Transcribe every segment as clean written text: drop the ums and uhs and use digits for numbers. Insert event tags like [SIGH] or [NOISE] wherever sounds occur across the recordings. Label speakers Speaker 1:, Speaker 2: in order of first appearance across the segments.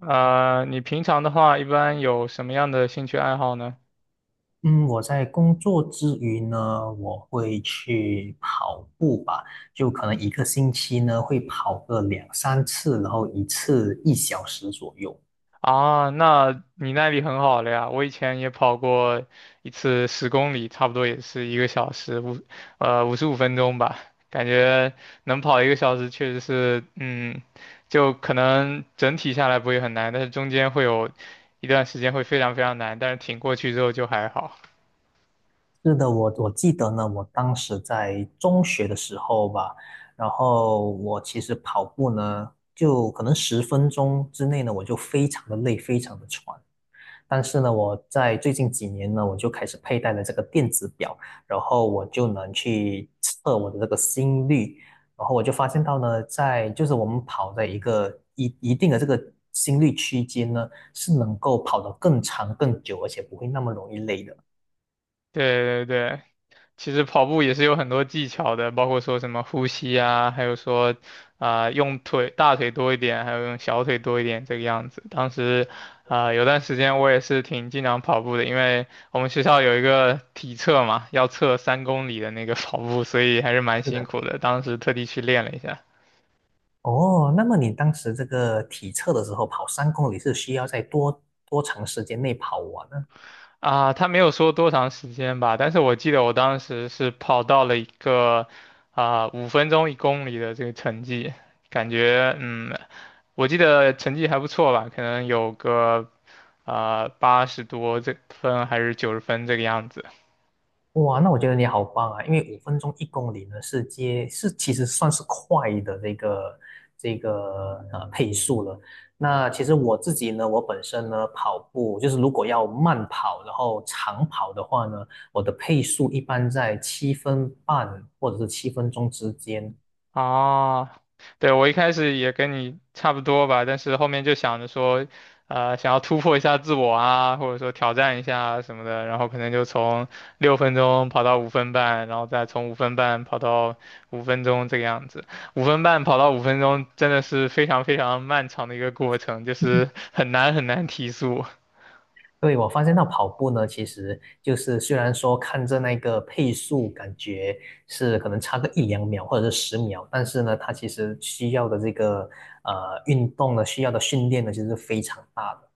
Speaker 1: 你平常的话一般有什么样的兴趣爱好呢？
Speaker 2: 嗯，我在工作之余呢，我会去跑步吧，就可能一个星期呢会跑个两三次，然后一次一小时左右。
Speaker 1: 啊，那你耐力很好了呀。我以前也跑过一次十公里，差不多也是一个小时五，五十五分钟吧。感觉能跑一个小时，确实是，嗯，就可能整体下来不会很难，但是中间会有一段时间会非常难，但是挺过去之后就还好。
Speaker 2: 是的，我记得呢，我当时在中学的时候吧，然后我其实跑步呢，就可能10分钟之内呢，我就非常的累，非常的喘。但是呢，我在最近几年呢，我就开始佩戴了这个电子表，然后我就能去测我的这个心率，然后我就发现到呢，在就是我们跑在一个一定的这个心率区间呢，是能够跑得更长更久，而且不会那么容易累的。
Speaker 1: 对,其实跑步也是有很多技巧的，包括说什么呼吸啊，还有说用腿大腿多一点，还有用小腿多一点这个样子。当时有段时间我也是挺经常跑步的，因为我们学校有一个体测嘛，要测三公里的那个跑步，所以还是蛮
Speaker 2: 是
Speaker 1: 辛
Speaker 2: 的。
Speaker 1: 苦的。当时特地去练了一下。
Speaker 2: 哦，那么你当时这个体测的时候，跑3公里是需要在多长时间内跑完呢？
Speaker 1: 啊，他没有说多长时间吧，但是我记得我当时是跑到了一个五分钟一公里的这个成绩，感觉嗯，我记得成绩还不错吧，可能有个八十多这分还是九十分这个样子。
Speaker 2: 哇，那我觉得你好棒啊！因为5分钟一公里呢，是其实算是快的这个配速了。那其实我自己呢，我本身呢跑步就是如果要慢跑，然后长跑的话呢，我的配速一般在7分半或者是7分钟之间。
Speaker 1: 哦，对，我一开始也跟你差不多吧，但是后面就想着说，想要突破一下自我啊，或者说挑战一下啊什么的，然后可能就从六分钟跑到五分半，然后再从五分半跑到五分钟这个样子。五分半跑到五分钟真的是非常漫长的一个过程，就是很难提速。
Speaker 2: 对，我发现到跑步呢，其实就是虽然说看着那个配速，感觉是可能差个一两秒或者是10秒，但是呢，它其实需要的这个运动呢，需要的训练呢，其实是非常大的。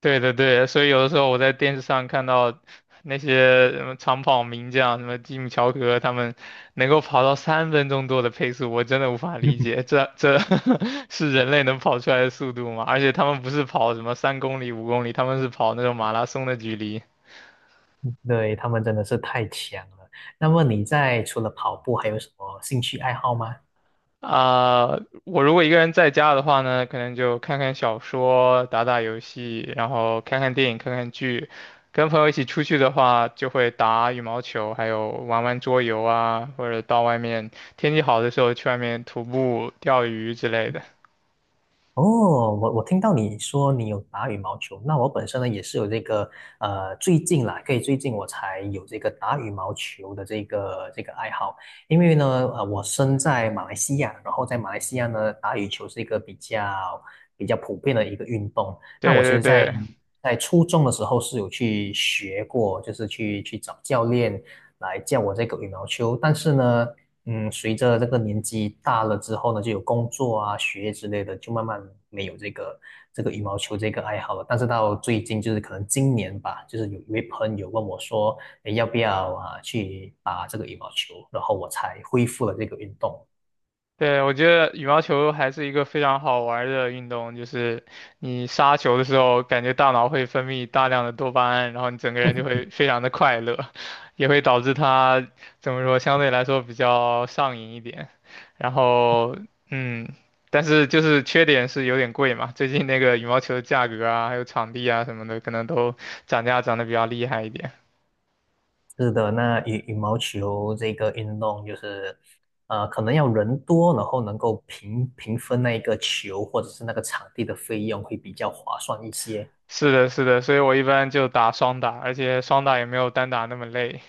Speaker 1: 对,所以有的时候我在电视上看到那些什么长跑名将，什么吉姆乔格，他们能够跑到三分钟多的配速，我真的无法理解，
Speaker 2: [LAUGHS]
Speaker 1: 这 [LAUGHS] 是人类能跑出来的速度吗？而且他们不是跑什么三公里、五公里，他们是跑那种马拉松的距离。
Speaker 2: 对，他们真的是太强了。那么你在除了跑步，还有什么兴趣爱好吗？
Speaker 1: 啊、我如果一个人在家的话呢，可能就看看小说、打打游戏，然后看看电影、看看剧。跟朋友一起出去的话，就会打羽毛球，还有玩玩桌游啊，或者到外面天气好的时候去外面徒步、钓鱼之类的。
Speaker 2: 哦，我听到你说你有打羽毛球，那我本身呢也是有这个最近啦，最近我才有这个打羽毛球的这个爱好，因为呢，我身在马来西亚，然后在马来西亚呢，打羽球是一个比较普遍的一个运动。那我其
Speaker 1: 对对
Speaker 2: 实在，嗯
Speaker 1: 对。
Speaker 2: 在初中的时候是有去学过，就是去找教练来教我这个羽毛球，但是呢。随着这个年纪大了之后呢，就有工作啊、学业之类的，就慢慢没有这个羽毛球这个爱好了。但是到最近，就是可能今年吧，就是有一位朋友问我说，诶，要不要啊去打这个羽毛球？然后我才恢复了这个运动。
Speaker 1: 对，我觉得羽毛球还是一个非常好玩儿的运动，就是你杀球的时候，感觉大脑会分泌大量的多巴胺，然后你整个人就会
Speaker 2: [LAUGHS]
Speaker 1: 非常的快乐，[LAUGHS] 也会导致它怎么说，相对来说比较上瘾一点。然后，嗯，但是就是缺点是有点贵嘛，最近那个羽毛球的价格啊，还有场地啊什么的，可能都涨价涨得比较厉害一点。
Speaker 2: 是的，那羽毛球这个运动就是，可能要人多，然后能够平分那一个球或者是那个场地的费用会比较划算一些。
Speaker 1: 是的，是的，所以我一般就打双打，而且双打也没有单打那么累。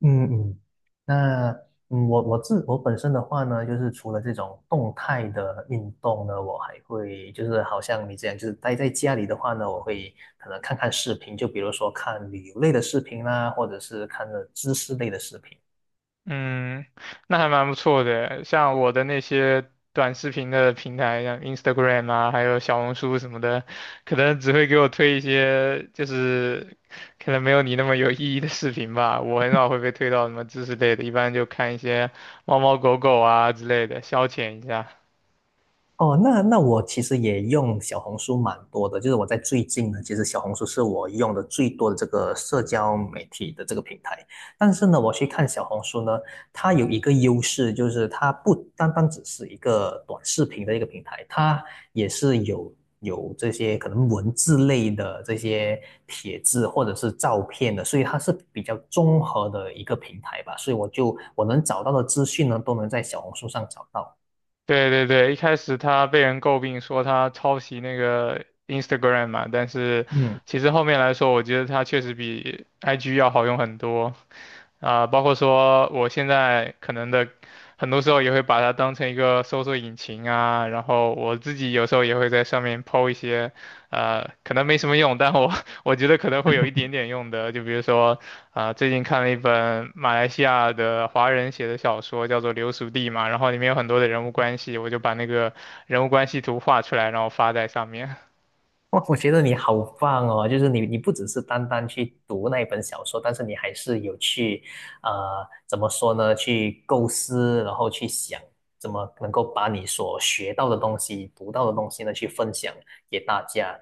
Speaker 2: 嗯嗯，那我自我本身的话呢，就是除了这种动态的运动呢，我还会就是好像你这样，就是待在家里的话呢，我会可能看看视频，就比如说看旅游类的视频啦，或者是看了知识类的视频。
Speaker 1: 嗯，那还蛮不错的。像我的那些短视频的平台，像 Instagram 啊，还有小红书什么的，可能只会给我推一些就是可能没有你那么有意义的视频吧。我很少会被推到什么知识类的，一般就看一些猫猫狗狗啊之类的，消遣一下。
Speaker 2: 哦，那我其实也用小红书蛮多的，就是我在最近呢，其实小红书是我用的最多的这个社交媒体的这个平台。但是呢，我去看小红书呢，它有一个优势，就是它不单单只是一个短视频的一个平台，它也是有这些可能文字类的这些帖子或者是照片的，所以它是比较综合的一个平台吧。所以我能找到的资讯呢，都能在小红书上找到。
Speaker 1: 对,一开始他被人诟病说他抄袭那个 Instagram 嘛，但是
Speaker 2: 嗯。
Speaker 1: 其实后面来说，我觉得他确实比 IG 要好用很多。包括说我现在可能的，很多时候也会把它当成一个搜索引擎啊，然后我自己有时候也会在上面 PO 一些，可能没什么用，但我 [LAUGHS] 我觉得可能会有一点点用的，就比如说，最近看了一本马来西亚的华人写的小说，叫做《流俗地》嘛，然后里面有很多的人物关系，我就把那个人物关系图画出来，然后发在上面。
Speaker 2: [LAUGHS] 哇，我觉得你好棒哦！就是你不只是单单去读那一本小说，但是你还是有去，怎么说呢？去构思，然后去想怎么能够把你所学到的东西、读到的东西呢，去分享给大家。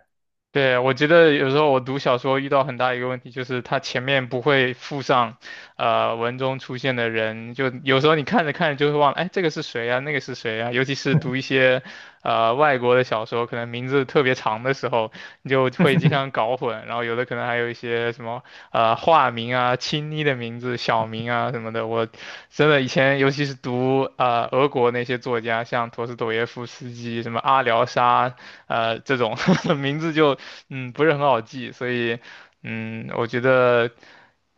Speaker 1: 对，我觉得有时候我读小说遇到很大一个问题，就是它前面不会附上，文中出现的人，就有时候你看着看着就会忘了，哎，这个是谁啊，那个是谁啊？尤其是读一些，外国的小说，可能名字特别长的时候，你就会经常
Speaker 2: [LAUGHS]
Speaker 1: 搞混，然后有的可能还有一些什么化名啊、亲昵的名字、小名啊什么的。我真的以前，尤其是读俄国那些作家，像陀思妥耶夫斯基、什么阿廖沙，这种 [LAUGHS] 名字就嗯不是很好记，所以嗯我觉得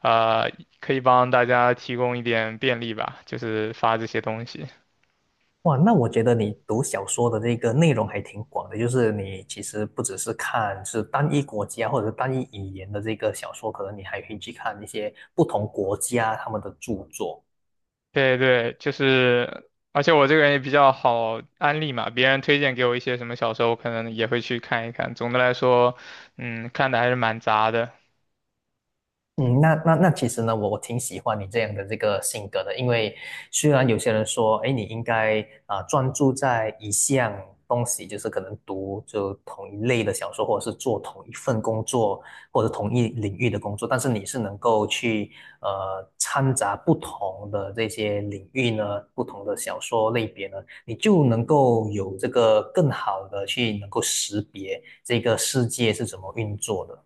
Speaker 1: 呃可以帮大家提供一点便利吧，就是发这些东西。
Speaker 2: 哇，那我觉得你读小说的这个内容还挺广的，就是你其实不只是看单一国家或者是单一语言的这个小说，可能你还可以去看一些不同国家他们的著作。
Speaker 1: 对对，就是，而且我这个人也比较好安利嘛，别人推荐给我一些什么小说，我可能也会去看一看。总的来说，嗯，看的还是蛮杂的。
Speaker 2: 嗯，那其实呢，我挺喜欢你这样的这个性格的，因为虽然有些人说，哎，你应该啊、专注在一项东西，就是可能同一类的小说，或者是做同一份工作，或者同一领域的工作，但是你是能够去掺杂不同的这些领域呢，不同的小说类别呢，你就能够有这个更好的去能够识别这个世界是怎么运作的。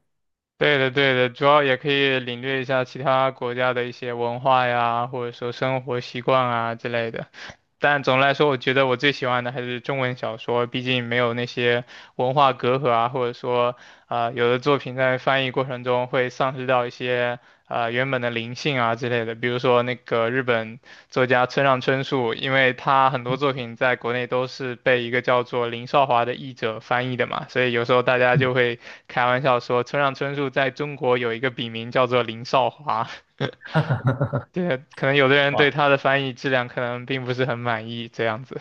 Speaker 1: 对的，对的，主要也可以领略一下其他国家的一些文化呀，或者说生活习惯啊之类的。但总的来说，我觉得我最喜欢的还是中文小说，毕竟没有那些文化隔阂啊，或者说，啊，有的作品在翻译过程中会丧失掉一些原本的灵性啊之类的。比如说那个日本作家村上春树，因为他很多作品在国内都是被一个叫做林少华的译者翻译的嘛，所以有时候大家
Speaker 2: 嗯，
Speaker 1: 就会开玩笑说村上春树在中国有一个笔名叫做林少华。[LAUGHS] 对，可能有的人对
Speaker 2: 哇，
Speaker 1: 他的翻译质量可能并不是很满意，这样子。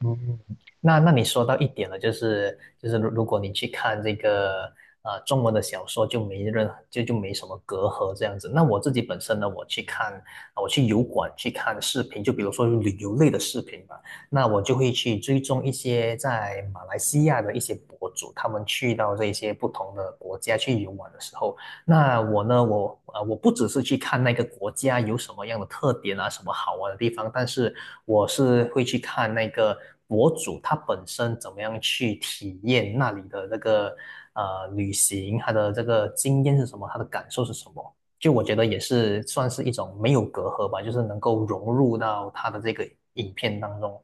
Speaker 2: 嗯，那你说到一点了，就是如果你去看这个中文的小说，就没任就就没什么隔阂这样子。那我自己本身呢，我去油管去看视频，就比如说旅游类的视频吧，那我就会去追踪一些在马来西亚的一些博主，他们去到这些不同的国家去游玩的时候，那我呢，我不只是去看那个国家有什么样的特点啊，什么好玩的地方，但是我是会去看那个博主他本身怎么样去体验那里的那个旅行，他的这个经验是什么，他的感受是什么。就我觉得也是算是一种没有隔阂吧，就是能够融入到他的这个影片当中。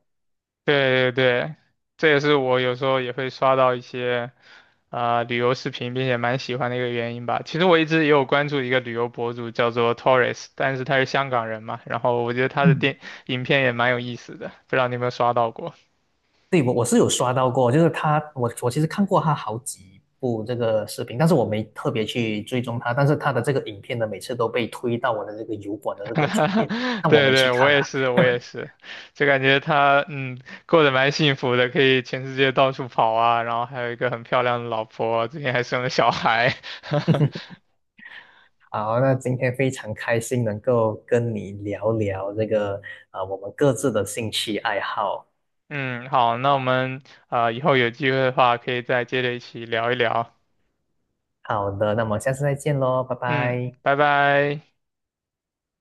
Speaker 1: 对,这也是我有时候也会刷到一些旅游视频，并且蛮喜欢的一个原因吧。其实我一直也有关注一个旅游博主叫做 Torres,但是他是香港人嘛，然后我觉得他的电影片也蛮有意思的，不知道你有没有刷到过。
Speaker 2: 对，我是有刷到过，就是他，我其实看过他好几部这个视频，但是我没特别去追踪他，但是他的这个影片呢，每次都被推到我的这个油管的这个主页，
Speaker 1: [LAUGHS]
Speaker 2: 但我
Speaker 1: 对
Speaker 2: 没去
Speaker 1: 对，我
Speaker 2: 看啊。
Speaker 1: 也是，我也
Speaker 2: [LAUGHS]
Speaker 1: 是，就感觉他嗯过得蛮幸福的，可以全世界到处跑啊，然后还有一个很漂亮的老婆，最近还生了小孩。[LAUGHS]
Speaker 2: 好，那今天非常开心能够跟你聊聊这个啊，我们各自的兴趣爱好。
Speaker 1: 嗯，好，那我们以后有机会的话，可以再接着一起聊一聊。
Speaker 2: 好的，那么下次再见喽，拜
Speaker 1: 嗯，
Speaker 2: 拜。
Speaker 1: 拜拜。